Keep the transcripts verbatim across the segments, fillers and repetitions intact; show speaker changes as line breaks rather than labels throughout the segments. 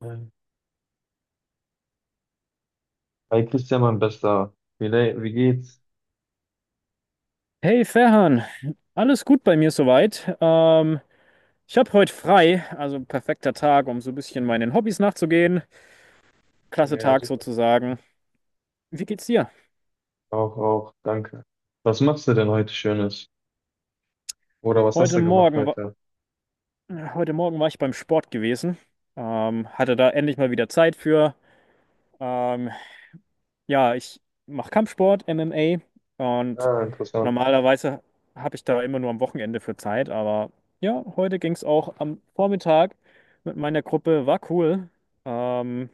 Nein. Hi Christian, mein Bester. Wie, le- wie geht's?
Hey Ferhan, alles gut bei mir soweit. Ähm, ich habe heute frei, also perfekter Tag, um so ein bisschen meinen Hobbys nachzugehen. Klasse
Ja,
Tag
super.
sozusagen. Wie geht's dir?
Auch, auch, danke. Was machst du denn heute Schönes? Oder was hast
Heute
du gemacht
Morgen, wa-
heute?
Heute Morgen war ich beim Sport gewesen. Ähm, hatte da endlich mal wieder Zeit für. Ähm, ja, ich mache Kampfsport, M M A und
Ah, interessant.
normalerweise habe ich da immer nur am Wochenende für Zeit, aber ja, heute ging's auch am Vormittag mit meiner Gruppe. War cool. Ähm,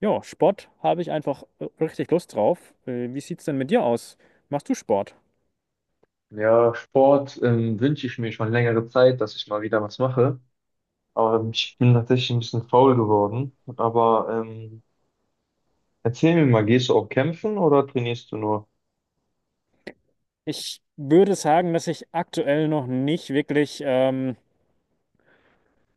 Ja, Sport habe ich einfach äh, richtig Lust drauf. Äh, Wie sieht's denn mit dir aus? Machst du Sport?
Ja, Sport ähm, wünsche ich mir schon längere Zeit, dass ich mal wieder was mache. Aber ähm, ich bin tatsächlich ein bisschen faul geworden. Aber ähm, erzähl mir mal, gehst du auch kämpfen oder trainierst du nur?
Ich würde sagen, dass ich aktuell noch nicht wirklich ähm,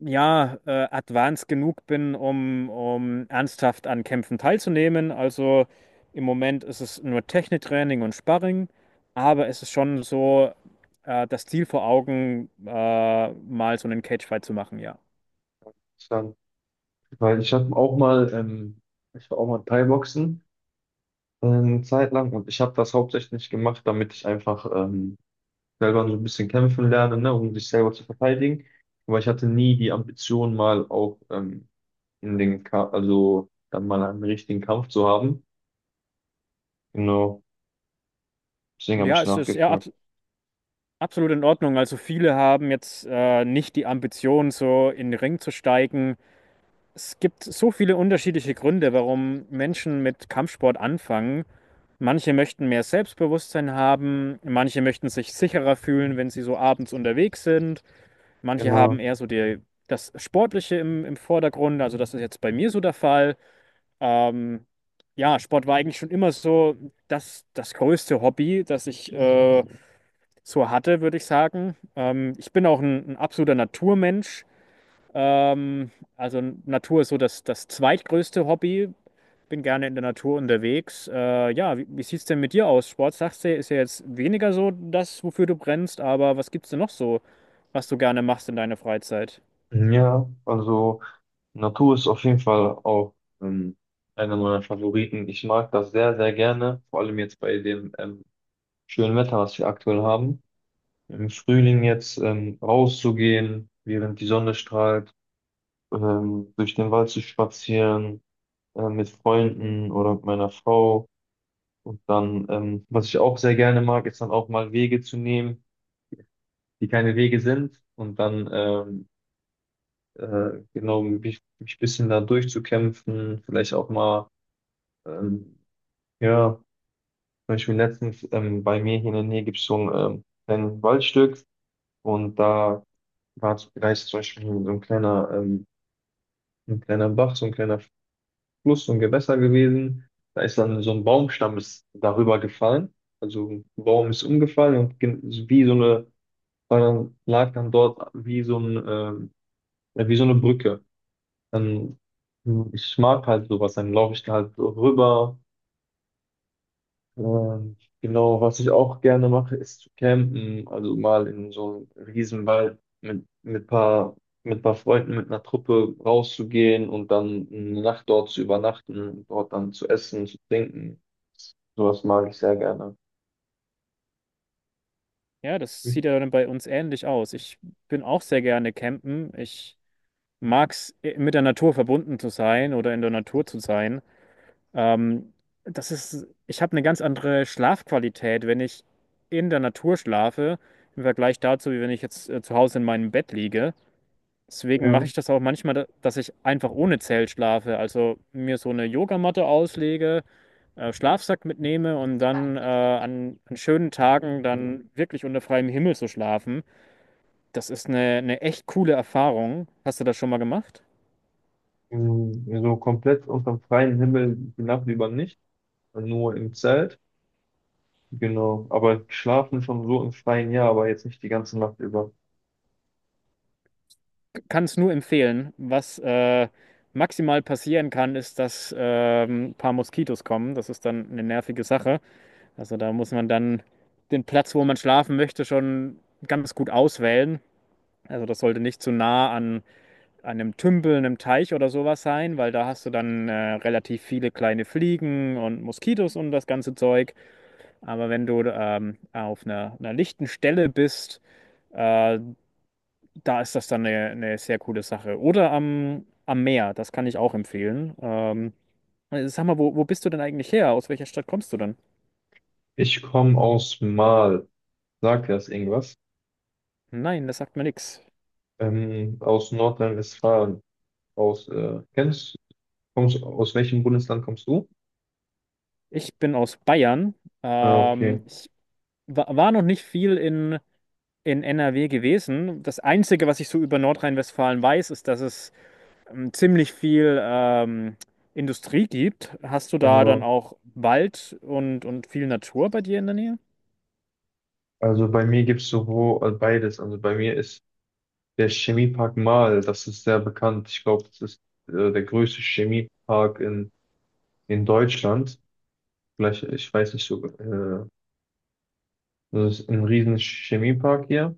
ja, äh, advanced genug bin, um, um ernsthaft an Kämpfen teilzunehmen. Also im Moment ist es nur Techniktraining und Sparring, aber es ist schon so äh, das Ziel vor Augen, äh, mal so einen Cagefight zu machen, ja.
Dann, weil ich habe auch mal, ähm, ich war auch mal Thai-Boxen äh, eine Zeit lang, und ich habe das hauptsächlich gemacht, damit ich einfach ähm, selber so ein bisschen kämpfen lernen, ne, um sich selber zu verteidigen. Aber ich hatte nie die Ambition, mal auch ähm, in den Ka also dann mal einen richtigen Kampf zu haben. Genau, deswegen habe
Ja,
ich
es ist ja,
nachgefragt.
abs- absolut in Ordnung. Also viele haben jetzt äh, nicht die Ambition, so in den Ring zu steigen. Es gibt so viele unterschiedliche Gründe, warum Menschen mit Kampfsport anfangen. Manche möchten mehr Selbstbewusstsein haben, manche möchten sich sicherer fühlen, wenn sie so abends unterwegs sind. Manche haben
Genau.
eher so die, das Sportliche im, im Vordergrund. Also das ist jetzt bei mir so der Fall. Ähm, ja, Sport war eigentlich schon immer so das, das größte Hobby, das ich äh, so hatte, würde ich sagen. Ähm, ich bin auch ein, ein absoluter Naturmensch. Ähm, also Natur ist so das, das zweitgrößte Hobby. Bin gerne in der Natur unterwegs. Äh, ja, wie, wie sieht es denn mit dir aus? Sport, sagst du, ist ja jetzt weniger so das, wofür du brennst, aber was gibt's denn noch so, was du gerne machst in deiner Freizeit?
Ja, also Natur ist auf jeden Fall auch ähm, einer meiner Favoriten. Ich mag das sehr, sehr gerne, vor allem jetzt bei dem ähm, schönen Wetter, was wir aktuell haben. Im Frühling jetzt ähm, rauszugehen, während die Sonne strahlt, ähm, durch den Wald zu spazieren, äh, mit Freunden oder mit meiner Frau. Und dann, ähm, was ich auch sehr gerne mag, ist dann auch mal Wege zu nehmen, die keine Wege sind. Und dann, ähm, äh, genau, mich, mich ein bisschen da durchzukämpfen. Vielleicht auch mal, ähm, ja, zum Beispiel letztens ähm, bei mir hier in der Nähe gibt es so ein ähm, kleines Waldstück. Und da war, da ist zum Beispiel so ein kleiner, ähm, ein kleiner Bach, so ein kleiner Fluss, so ein Gewässer gewesen. Da ist dann so ein Baumstamm ist darüber gefallen. Also ein Baum ist umgefallen und gen- wie so eine, war dann, lag dann dort wie so ein, äh, wie so eine Brücke. Dann, hm, ich mag halt sowas, dann laufe ich da halt so rüber, ähm, genau, was ich auch gerne mache, ist zu campen. Also mal in so einem Riesenwald mit, mit paar, mit paar Freunden, mit einer Truppe rauszugehen und dann eine Nacht dort zu übernachten und dort dann zu essen, zu trinken. Sowas mag ich sehr gerne.
Ja, das sieht ja dann bei uns ähnlich aus. Ich bin auch sehr gerne campen. Ich mag es, äh, mit der Natur verbunden zu sein oder in der Natur zu sein. Ähm, das ist, Ich habe eine ganz andere Schlafqualität, wenn ich in der Natur schlafe, im Vergleich dazu, wie wenn ich jetzt äh, zu Hause in meinem Bett liege. Deswegen mache
Ja.
ich das auch manchmal, da- dass ich einfach ohne Zelt schlafe. Also mir so eine Yogamatte auslege, äh, Schlafsack mitnehme und dann äh, an, an schönen Tagen dann wirklich unter freiem Himmel zu schlafen. Das ist eine, eine echt coole Erfahrung. Hast du das schon mal gemacht?
Mm, so komplett unter dem freien Himmel die Nacht über nicht, nur im Zelt. Genau, aber schlafen schon so im Freien, ja, aber jetzt nicht die ganze Nacht über.
Kann es nur empfehlen. Was äh, maximal passieren kann, ist, dass ähm, ein paar Moskitos kommen. Das ist dann eine nervige Sache. Also da muss man dann den Platz, wo man schlafen möchte, schon ganz gut auswählen. Also das sollte nicht zu nah an einem Tümpel, einem Teich oder sowas sein, weil da hast du dann äh, relativ viele kleine Fliegen und Moskitos und das ganze Zeug. Aber wenn du ähm, auf einer, einer lichten Stelle bist, äh, da ist das dann eine, eine sehr coole Sache. Oder am, am Meer, das kann ich auch empfehlen. Ähm, äh, sag mal, wo, wo bist du denn eigentlich her? Aus welcher Stadt kommst du denn?
Ich komme aus Mal. Sagt dir das irgendwas?
Nein, das sagt mir nichts.
Ähm, aus Nordrhein-Westfalen. Aus, äh, kennst, kommst, aus welchem Bundesland kommst du?
Ich bin aus Bayern.
Ah,
Ähm,
okay.
ich wa- war noch nicht viel in, in N R W gewesen. Das Einzige, was ich so über Nordrhein-Westfalen weiß, ist, dass es ähm, ziemlich viel ähm, Industrie gibt. Hast du da dann
Genau.
auch Wald und, und viel Natur bei dir in der Nähe?
Also bei mir gibt es sowohl äh, beides. Also bei mir ist der Chemiepark Marl, das ist sehr bekannt. Ich glaube, das ist äh, der größte Chemiepark in, in Deutschland. Vielleicht, ich weiß nicht so, äh, das ist ein riesen Chemiepark hier.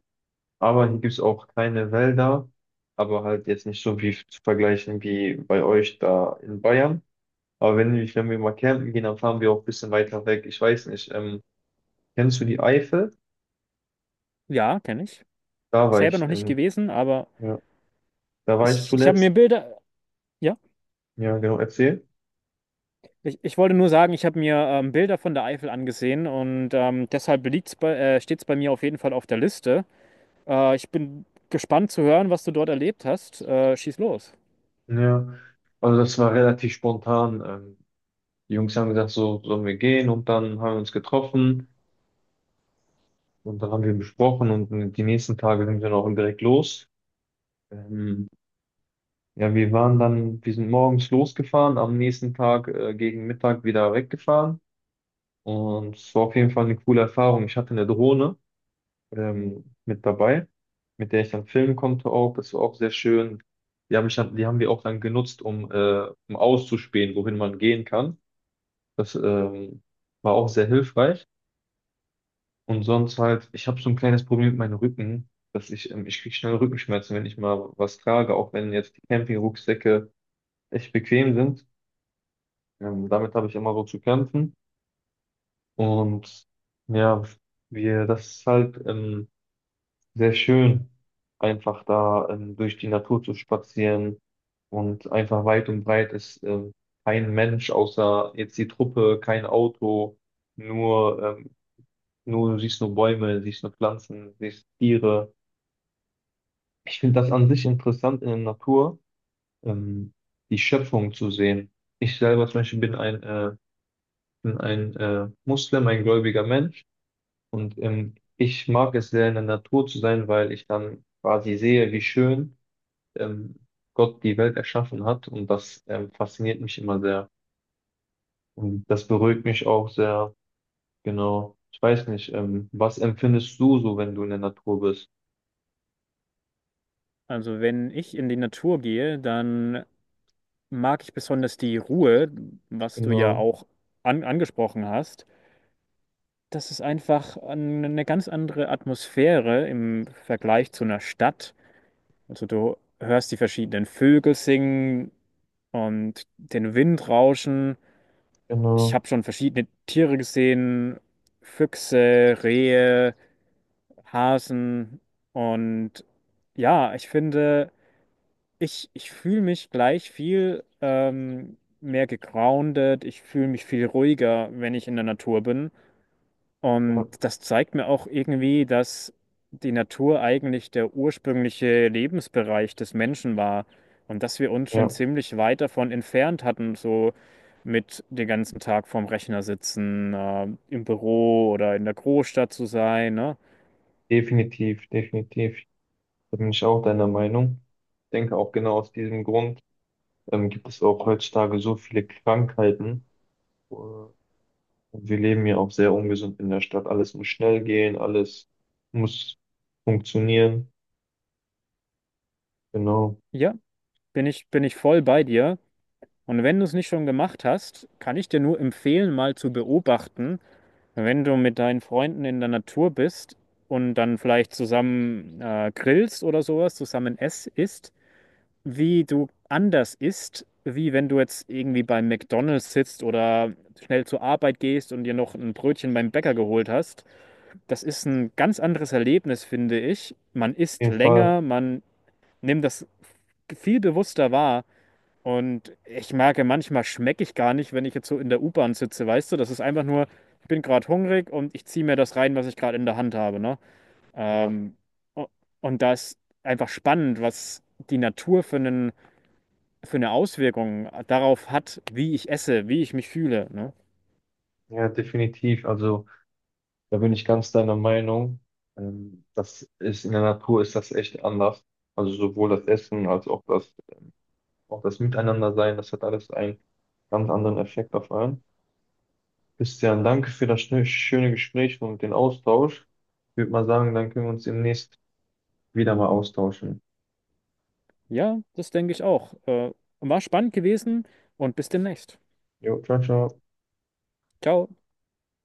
Aber hier gibt es auch keine Wälder, aber halt jetzt nicht so wie zu vergleichen wie bei euch da in Bayern. Aber wenn, ich, wenn wir mal campen gehen, dann fahren wir auch ein bisschen weiter weg. Ich weiß nicht, ähm, kennst du die Eifel?
Ja, kenne ich.
Da war
Selber noch
ich,
nicht
ähm,
gewesen, aber
ja, da war ich
Ich, ich habe mir
zuletzt.
Bilder, ja,
Ja, genau, erzähl.
ich, ich wollte nur sagen, ich habe mir ähm, Bilder von der Eifel angesehen und ähm, deshalb liegt's bei, äh, steht es bei mir auf jeden Fall auf der Liste. Äh, ich bin gespannt zu hören, was du dort erlebt hast. Äh, schieß los.
Ja, also das war relativ spontan. Ähm, die Jungs haben gesagt, so sollen wir gehen, und dann haben wir uns getroffen und dann haben wir besprochen, und die nächsten Tage sind wir dann auch direkt los. Ähm, ja, wir waren dann, wir sind morgens losgefahren, am nächsten Tag äh, gegen Mittag wieder weggefahren, und es war auf jeden Fall eine coole Erfahrung. Ich hatte eine Drohne ähm, mit dabei, mit der ich dann filmen konnte auch. Das war auch sehr schön. Die haben ich dann, die haben wir auch dann genutzt, um, äh, um auszuspähen, wohin man gehen kann. Das ähm, war auch sehr hilfreich. Und sonst halt, ich habe so ein kleines Problem mit meinem Rücken, dass ich, ähm, ich kriege schnell Rückenschmerzen, wenn ich mal was trage, auch wenn jetzt die Campingrucksäcke echt bequem sind. Ähm, damit habe ich immer so zu kämpfen. Und ja, wir, das ist halt, ähm, sehr schön, einfach da ähm, durch die Natur zu spazieren, und einfach weit und breit ist ähm, kein Mensch außer jetzt die Truppe, kein Auto, nur, ähm, nur du siehst nur Bäume, siehst nur Pflanzen, siehst Tiere. Ich finde das an sich interessant in der Natur, ähm, die Schöpfung zu sehen. Ich selber zum Beispiel bin ein, äh, bin ein äh, Muslim, ein gläubiger Mensch, und ähm, ich mag es sehr in der Natur zu sein, weil ich dann quasi sehe, wie schön ähm, Gott die Welt erschaffen hat. Und das ähm, fasziniert mich immer sehr. Und das beruhigt mich auch sehr. Genau. Ich weiß nicht, ähm, was empfindest du so, wenn du in der Natur bist?
Also wenn ich in die Natur gehe, dann mag ich besonders die Ruhe, was du ja
Genau,
auch an, angesprochen hast. Das ist einfach an- eine ganz andere Atmosphäre im Vergleich zu einer Stadt. Also du hörst die verschiedenen Vögel singen und den Wind rauschen. Ich
genau.
habe schon verschiedene Tiere gesehen, Füchse, Rehe, Hasen und ja, ich finde, ich, ich fühle mich gleich viel ähm, mehr gegroundet, ich fühle mich viel ruhiger, wenn ich in der Natur bin.
Ja,
Und das zeigt mir auch irgendwie, dass die Natur eigentlich der ursprüngliche Lebensbereich des Menschen war und dass wir uns schon
ja,
ziemlich weit davon entfernt hatten, so mit den ganzen Tag vorm Rechner sitzen, äh, im Büro oder in der Großstadt zu sein, ne?
definitiv, definitiv. Da bin ich auch deiner Meinung. Ich denke auch genau aus diesem Grund ähm, gibt es auch heutzutage so viele Krankheiten. Äh, Und wir leben ja auch sehr ungesund in der Stadt. Alles muss schnell gehen, alles muss funktionieren. Genau. Auf
Ja, bin ich, bin ich voll bei dir. Und wenn du es nicht schon gemacht hast, kann ich dir nur empfehlen, mal zu beobachten, wenn du mit deinen Freunden in der Natur bist und dann vielleicht zusammen äh, grillst oder sowas, zusammen ess isst, wie du anders isst, wie wenn du jetzt irgendwie beim McDonald's sitzt oder schnell zur Arbeit gehst und dir noch ein Brötchen beim Bäcker geholt hast. Das ist ein ganz anderes Erlebnis, finde ich. Man isst
jeden Fall.
länger, man nimmt das viel bewusster wahr. Und ich merke, manchmal schmecke ich gar nicht, wenn ich jetzt so in der U-Bahn sitze, weißt du? Das ist einfach nur, ich bin gerade hungrig und ich ziehe mir das rein, was ich gerade in der Hand habe, ne?
Ja,
Ähm, u- und da ist einfach spannend, was die Natur für einen, für eine Auswirkung darauf hat, wie ich esse, wie ich mich fühle, ne?
ja, definitiv. Also da bin ich ganz deiner Meinung. Ähm, Das ist in der Natur, ist das echt anders. Also sowohl das Essen als auch das, auch das Miteinandersein, das hat alles einen ganz anderen Effekt auf einen. Christian, danke für das schöne schöne Gespräch und den Austausch. Ich würde mal sagen, dann können wir uns demnächst wieder mal austauschen.
Ja, das denke ich auch. Äh, war spannend gewesen und bis demnächst.
Jo, ciao, ciao.
Ciao.